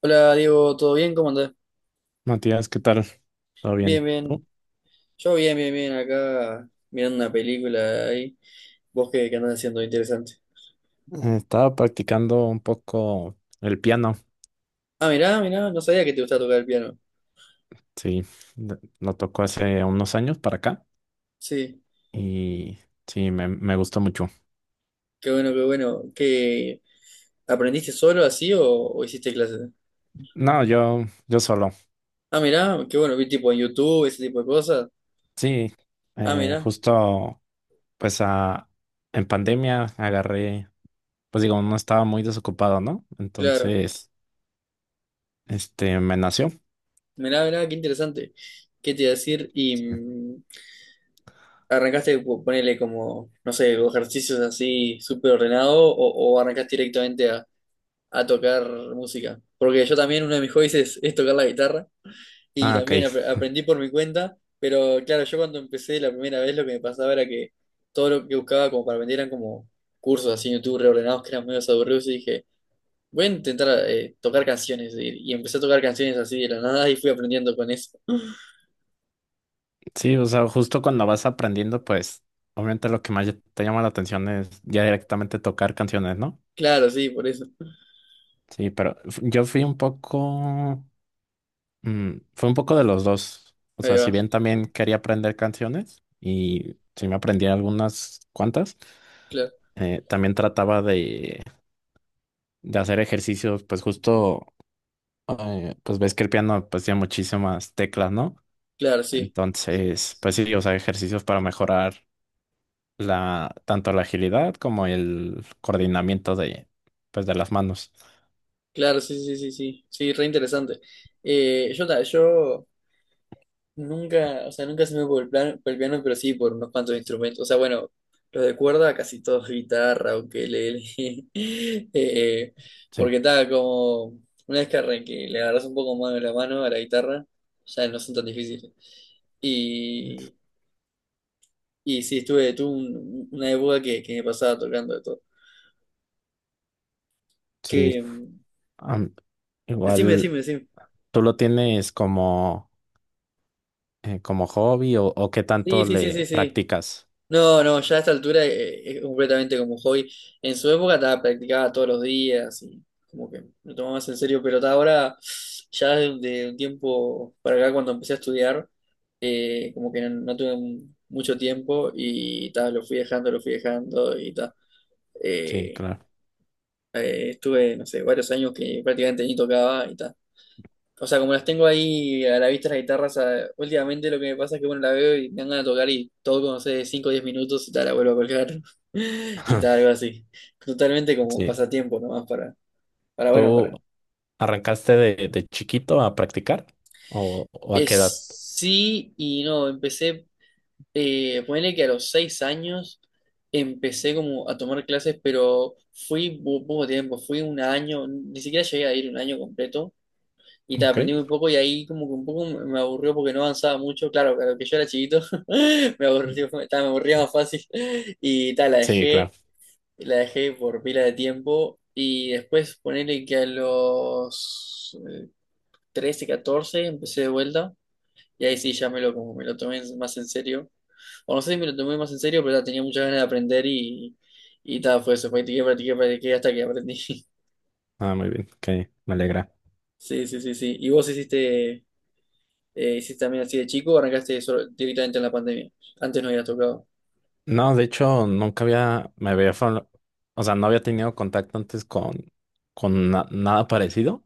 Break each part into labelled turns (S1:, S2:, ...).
S1: Hola Diego, ¿todo bien? ¿Cómo andás?
S2: Matías, ¿qué tal? ¿Todo
S1: Bien,
S2: bien?
S1: bien.
S2: ¿Tú?
S1: Yo bien, bien, bien. Acá mirando una película ahí. ¿Vos qué andás haciendo? Interesante.
S2: Estaba practicando un poco el piano,
S1: Ah, mirá, mirá. No sabía que te gustaba tocar el piano.
S2: sí, de- lo tocó hace unos años para acá
S1: Sí,
S2: y sí, me gustó mucho.
S1: qué bueno, qué bueno. Aprendiste solo así o hiciste clases?
S2: No, yo solo,
S1: Ah, mirá, qué bueno. Vi tipo en YouTube, ese tipo de cosas.
S2: sí,
S1: Ah, mirá,
S2: justo pues a- en pandemia agarré, pues digo, no estaba muy desocupado, ¿no?
S1: claro.
S2: Entonces, este, me nació.
S1: Mirá, mirá, qué interesante. ¿Qué te iba a decir? Y
S2: Sí.
S1: arrancaste, ponele como, no sé, ejercicios así súper ordenado o, arrancaste directamente a tocar música. Porque yo también uno de mis hobbies es tocar la guitarra y
S2: Ah, ok.
S1: también aprendí por mi cuenta, pero claro, yo cuando empecé la primera vez lo que me pasaba era que todo lo que buscaba como para aprender eran como cursos así en YouTube reordenados que eran medio aburridos y dije, voy a intentar tocar canciones y empecé a tocar canciones así de la nada y fui aprendiendo con eso.
S2: Sí, o sea, justo cuando vas aprendiendo, pues obviamente lo que más te llama la atención es ya directamente tocar canciones, ¿no?
S1: Claro, sí, por eso.
S2: Sí, pero f- yo fui un poco, fue un poco de los dos. O
S1: Ahí
S2: sea, si
S1: va.
S2: bien también quería aprender canciones y sí me aprendí algunas cuantas,
S1: Claro,
S2: también trataba de hacer ejercicios, pues justo, pues ves que el piano pues tiene muchísimas teclas, ¿no?
S1: claro, sí.
S2: Entonces, pues sí, o sea, ejercicios para mejorar la, tanto la agilidad como el coordinamiento de, pues de las manos.
S1: Claro, sí, sí, sí, sí. Sí, re interesante. Yo nunca, o sea, nunca se me por el por el piano, pero sí por unos cuantos instrumentos. O sea, bueno, los de cuerda casi todos guitarra, ukelele. eh,
S2: Sí,
S1: Porque tal, como una vez que, le agarras un poco más de la mano a la guitarra, ya no son tan difíciles. Y, y sí, estuve, tuve una época que me pasaba tocando de todo.
S2: sí.
S1: Que, mm,
S2: Am,
S1: Decime,
S2: Igual.
S1: decime, decime.
S2: ¿Tú lo tienes como, como hobby o qué
S1: Sí,
S2: tanto
S1: sí, sí,
S2: le
S1: sí, sí.
S2: practicas?
S1: No, no, ya a esta altura es completamente como hobby. En su época estaba practicaba todos los días y como que lo tomaba más en serio, pero ahora, ya de, un tiempo para acá, cuando empecé a estudiar, como que no tuve mucho tiempo y ta, lo fui dejando y ta.
S2: Sí,
S1: Eh,
S2: claro.
S1: Estuve, no sé, varios años que prácticamente ni tocaba y ta o sea, como las tengo ahí a la vista las guitarras, últimamente lo que me pasa es que bueno, la veo y me dan ganas de tocar y todo como no sé, cinco o 10 minutos y tal, la vuelvo a colgar y tal, algo así. Totalmente como
S2: Sí.
S1: pasatiempo nomás, para bueno,
S2: ¿Tú
S1: para.
S2: arrancaste de chiquito a practicar o a qué
S1: Es
S2: edad?
S1: sí y no, empecé. Ponele que a los 6 años empecé como a tomar clases, pero fui poco tiempo, fui un año, ni siquiera llegué a ir un año completo y te
S2: Ok.
S1: aprendí muy poco y ahí como que un poco me aburrió porque no avanzaba mucho, claro, claro que yo era chiquito. Me aburrió, ta, me aburría más fácil y tal, la
S2: Sí, claro.
S1: dejé, la dejé por pila de tiempo y después ponerle que a los 13, 14 empecé de vuelta y ahí sí ya me lo, como me lo tomé más en serio, o no sé si me lo tomé más en serio, pero ta, tenía muchas ganas de aprender y tal, fue eso, practiqué, practiqué, practiqué hasta que aprendí.
S2: Ah, muy bien. Ok, me alegra.
S1: Sí, sí, sí, sí. ¿Y vos hiciste ¿Hiciste también así de chico o arrancaste directamente en la pandemia? Antes no había tocado.
S2: No, de hecho, nunca había, me había, fa- o sea, no había tenido contacto antes con na- nada parecido.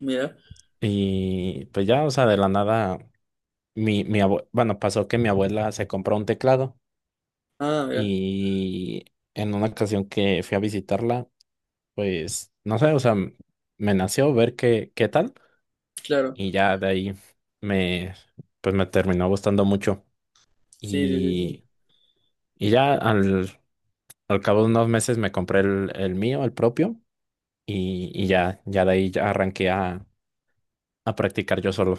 S1: Mira.
S2: Y pues ya, o sea, de la nada, mi abue- bueno, pasó que mi abuela se compró un teclado.
S1: Ah, mira,
S2: Y en una ocasión que fui a visitarla, pues no sé, o sea, m- me nació ver qué, qué tal
S1: claro.
S2: y ya de ahí me, pues me terminó gustando mucho.
S1: Sí, sí, sí, sí.
S2: Y, y ya al, al cabo de unos meses me compré el mío, el propio, y ya, ya de ahí ya arranqué a practicar yo solo.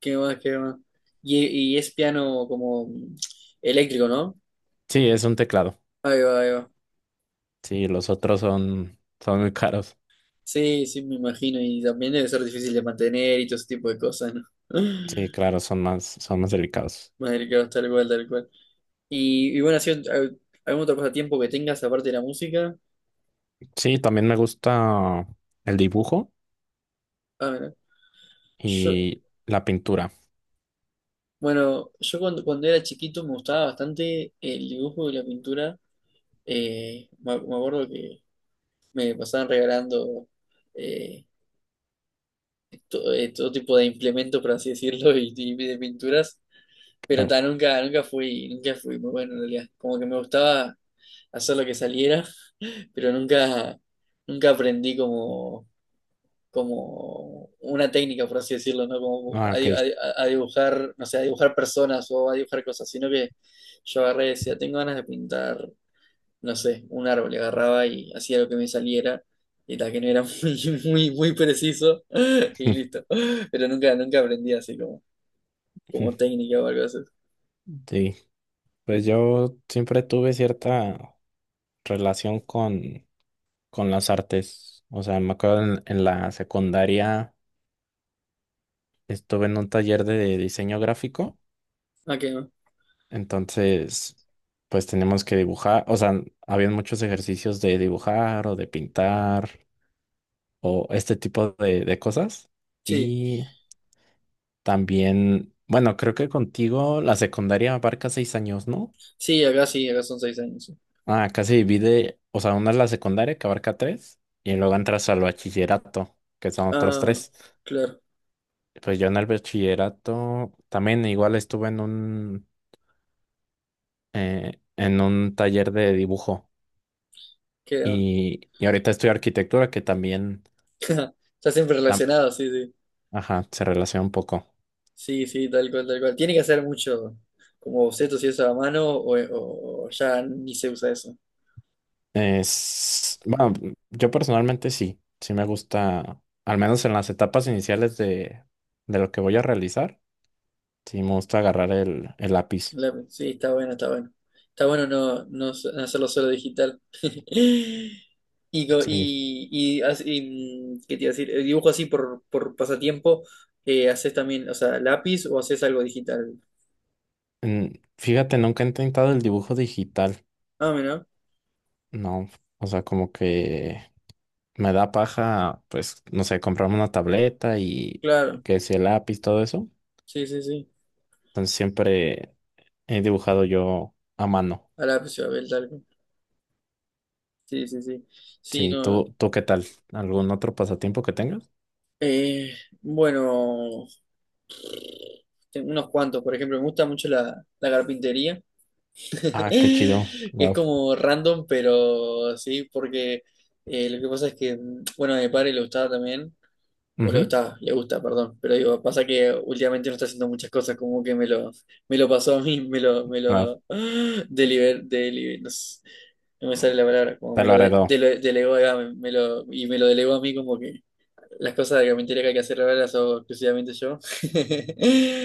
S1: ¿Qué más, qué más? Y, y es piano como eléctrico, ¿no?
S2: Sí, es un teclado.
S1: Ahí va, ahí va.
S2: Sí, los otros son, son muy caros.
S1: Sí, sí, me imagino. Y también debe ser difícil de mantener y todo ese tipo de cosas, ¿no?
S2: Sí, claro, son más delicados.
S1: Madre, claro, tal cual, tal cual. Y bueno, así, ¿algún otro pasatiempo que tengas aparte de la música?
S2: Sí, también me gusta el dibujo
S1: Ah, mira. Yo,
S2: y la pintura.
S1: bueno, yo cuando era chiquito me gustaba bastante el dibujo y la pintura. Me acuerdo que me pasaban regalando eh, todo tipo de implementos, por así decirlo, y de pinturas, pero
S2: Ah,
S1: ta, nunca fui muy bueno en realidad. Como que me gustaba hacer lo que saliera, pero nunca aprendí como, como una técnica, por así decirlo, ¿no? Como
S2: ah,
S1: a,
S2: ok.
S1: di- a di- a dibujar, no sé, a dibujar personas o a dibujar cosas, sino que yo agarré y decía, tengo ganas de pintar no sé, un árbol, y agarraba y hacía lo que me saliera, y la que no era muy, muy, muy preciso, y listo. Pero nunca aprendí así como, como técnica o algo así.
S2: Sí, pues yo siempre tuve cierta relación con las artes. O sea, me acuerdo en la secundaria estuve en un taller de diseño gráfico,
S1: Ah, qué va.
S2: entonces pues teníamos que dibujar, o sea, habían muchos ejercicios de dibujar o de pintar o este tipo de cosas.
S1: Sí,
S2: Y también, bueno, creo que contigo la secundaria abarca seis años, ¿no?
S1: sí, acá son 6 años. Sí.
S2: Ah, acá se divide, o sea, una es la secundaria que abarca tres y luego entras al bachillerato, que son otros
S1: Ah,
S2: tres.
S1: claro,
S2: Pues yo en el bachillerato también igual estuve en un taller de dibujo
S1: qué va.
S2: y ahorita estudio arquitectura que también,
S1: Está siempre
S2: tam-
S1: relacionado, sí, sí.
S2: ajá, se relaciona un poco.
S1: Sí, sí, tal cual, tal cual. Tiene que hacer mucho como bocetos y eso a mano, o ya ni se usa eso.
S2: Es, bueno, yo personalmente sí, sí me gusta, al menos en las etapas iniciales de lo que voy a realizar, sí me gusta agarrar el lápiz.
S1: Sí, está bueno, está bueno. Está bueno, no hacerlo solo digital.
S2: Sí,
S1: ¿Qué te iba a decir? El dibujo así por pasatiempo, ¿haces también, o sea, lápiz o haces algo digital?
S2: Fíjate, nunca he intentado el dibujo digital,
S1: Ah, mira,
S2: no, o sea, como que me da paja, pues, no sé, comprarme una tableta y
S1: claro.
S2: que si el lápiz, todo eso.
S1: Sí, sí, sí.
S2: Entonces siempre he dibujado yo a mano.
S1: A lápiz o a papel, tal cual. Sí, sí, sí. Sí,
S2: Sí,
S1: no.
S2: ¿tú, tú qué tal? ¿Algún otro pasatiempo que tengas?
S1: eh, bueno, tengo unos cuantos, por ejemplo, me gusta mucho la carpintería.
S2: Ah, qué chido,
S1: Es
S2: wow.
S1: como random, pero sí, porque lo que pasa es que, bueno, a mi padre le gustaba también, o le
S2: Ujú,
S1: gustaba, le gusta, perdón, pero digo, pasa que últimamente no está haciendo muchas cosas, como que me lo, me lo, pasó a mí.
S2: claro,
S1: No sé, no me sale la palabra, como
S2: te
S1: me
S2: lo
S1: lo
S2: heredó.
S1: delegó, acá, me lo delegó a mí como que las cosas de carpintería que hay que hacer ahora las hago exclusivamente yo.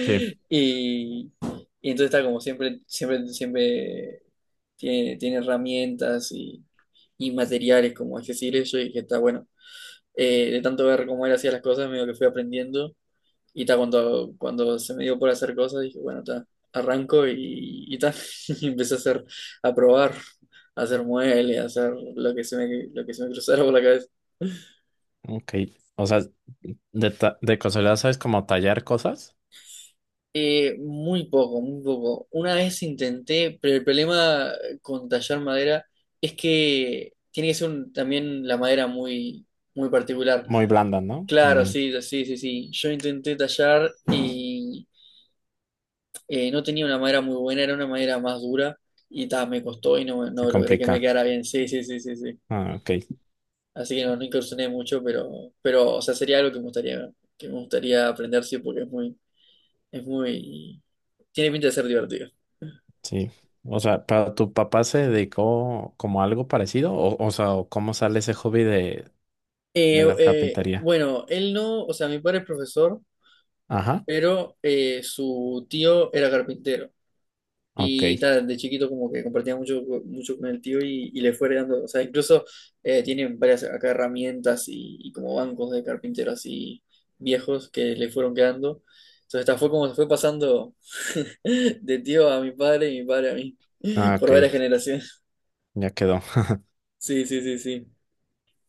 S2: Sí.
S1: Y, y entonces está como siempre, siempre, siempre tiene herramientas y materiales como accesibles yo dije está bueno. De tanto ver cómo él hacía las cosas, medio que fui aprendiendo y está cuando se me dio por hacer cosas, dije, bueno, está, arranco y ta. Y empecé a hacer, a probar, a hacer muebles, a hacer lo que se me cruzara por la cabeza.
S2: Ok, o sea, de, ta- de casualidad sabes como tallar cosas,
S1: Muy poco, muy poco. Una vez intenté, pero el problema con tallar madera es que tiene que ser también la madera muy, muy particular.
S2: muy blanda, ¿no?
S1: Claro,
S2: También
S1: sí, sí, sí, sí. Yo intenté tallar y no tenía una madera muy buena, era una madera más dura y ta, me costó y no,
S2: se
S1: no, logré que me
S2: complica.
S1: quedara bien. Sí, sí, sí, sí, sí.
S2: Ah, ok.
S1: Así que no, no, incursioné mucho, pero, o sea, sería algo que me gustaría, aprender, sí, porque es muy, tiene pinta de ser divertido.
S2: Sí. O sea, ¿pero tu papá se dedicó como a algo parecido? O sea, ¿o ¿cómo sale ese hobby de la carpintería?
S1: Bueno, él no, o sea, mi padre es profesor,
S2: Ajá.
S1: pero su tío era carpintero.
S2: Ok.
S1: Y tal, de chiquito como que compartía mucho, mucho con el tío y le fue heredando, o sea, incluso tienen varias acá herramientas y como bancos de carpinteros así viejos que le fueron quedando. Entonces, esta fue como se fue pasando de tío a mi padre y mi padre a mí,
S2: Ah, ok.
S1: por varias generaciones.
S2: Ya quedó.
S1: Sí, sí, sí, sí.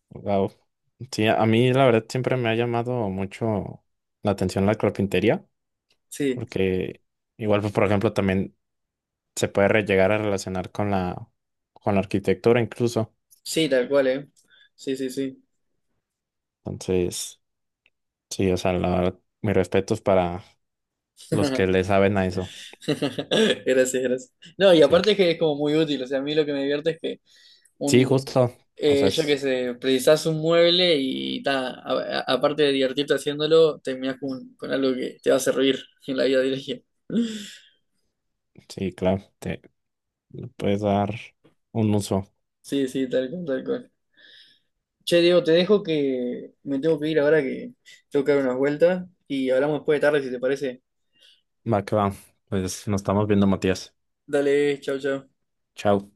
S2: Wow. Sí, a mí la verdad siempre me ha llamado mucho la atención la carpintería,
S1: Sí,
S2: porque igual, pues, por ejemplo, también se puede re- llegar a relacionar con la arquitectura incluso.
S1: sí, tal cual, ¿eh? Sí, sí, sí.
S2: Entonces, sí, o sea, la verdad, mis respetos para los que le saben a eso.
S1: Gracias, gracias. No, y
S2: Sí.
S1: aparte es que es como muy útil, o sea, a mí lo que me divierte es que...
S2: Sí,
S1: un
S2: justo. O sea,
S1: Yo
S2: es
S1: qué sé, precisás un mueble y ta, aparte de divertirte haciéndolo, terminás con, algo que te va a servir en la vida diaria.
S2: Sí, claro, te le puedes dar un uso.
S1: Sí, sí, tal cual, tal cual. Che, Diego, te dejo que me tengo que ir ahora que tengo que dar unas vueltas y hablamos después de tarde si te parece.
S2: Va que va. Pues nos estamos viendo, Matías.
S1: Dale, chau, chau.
S2: Chao.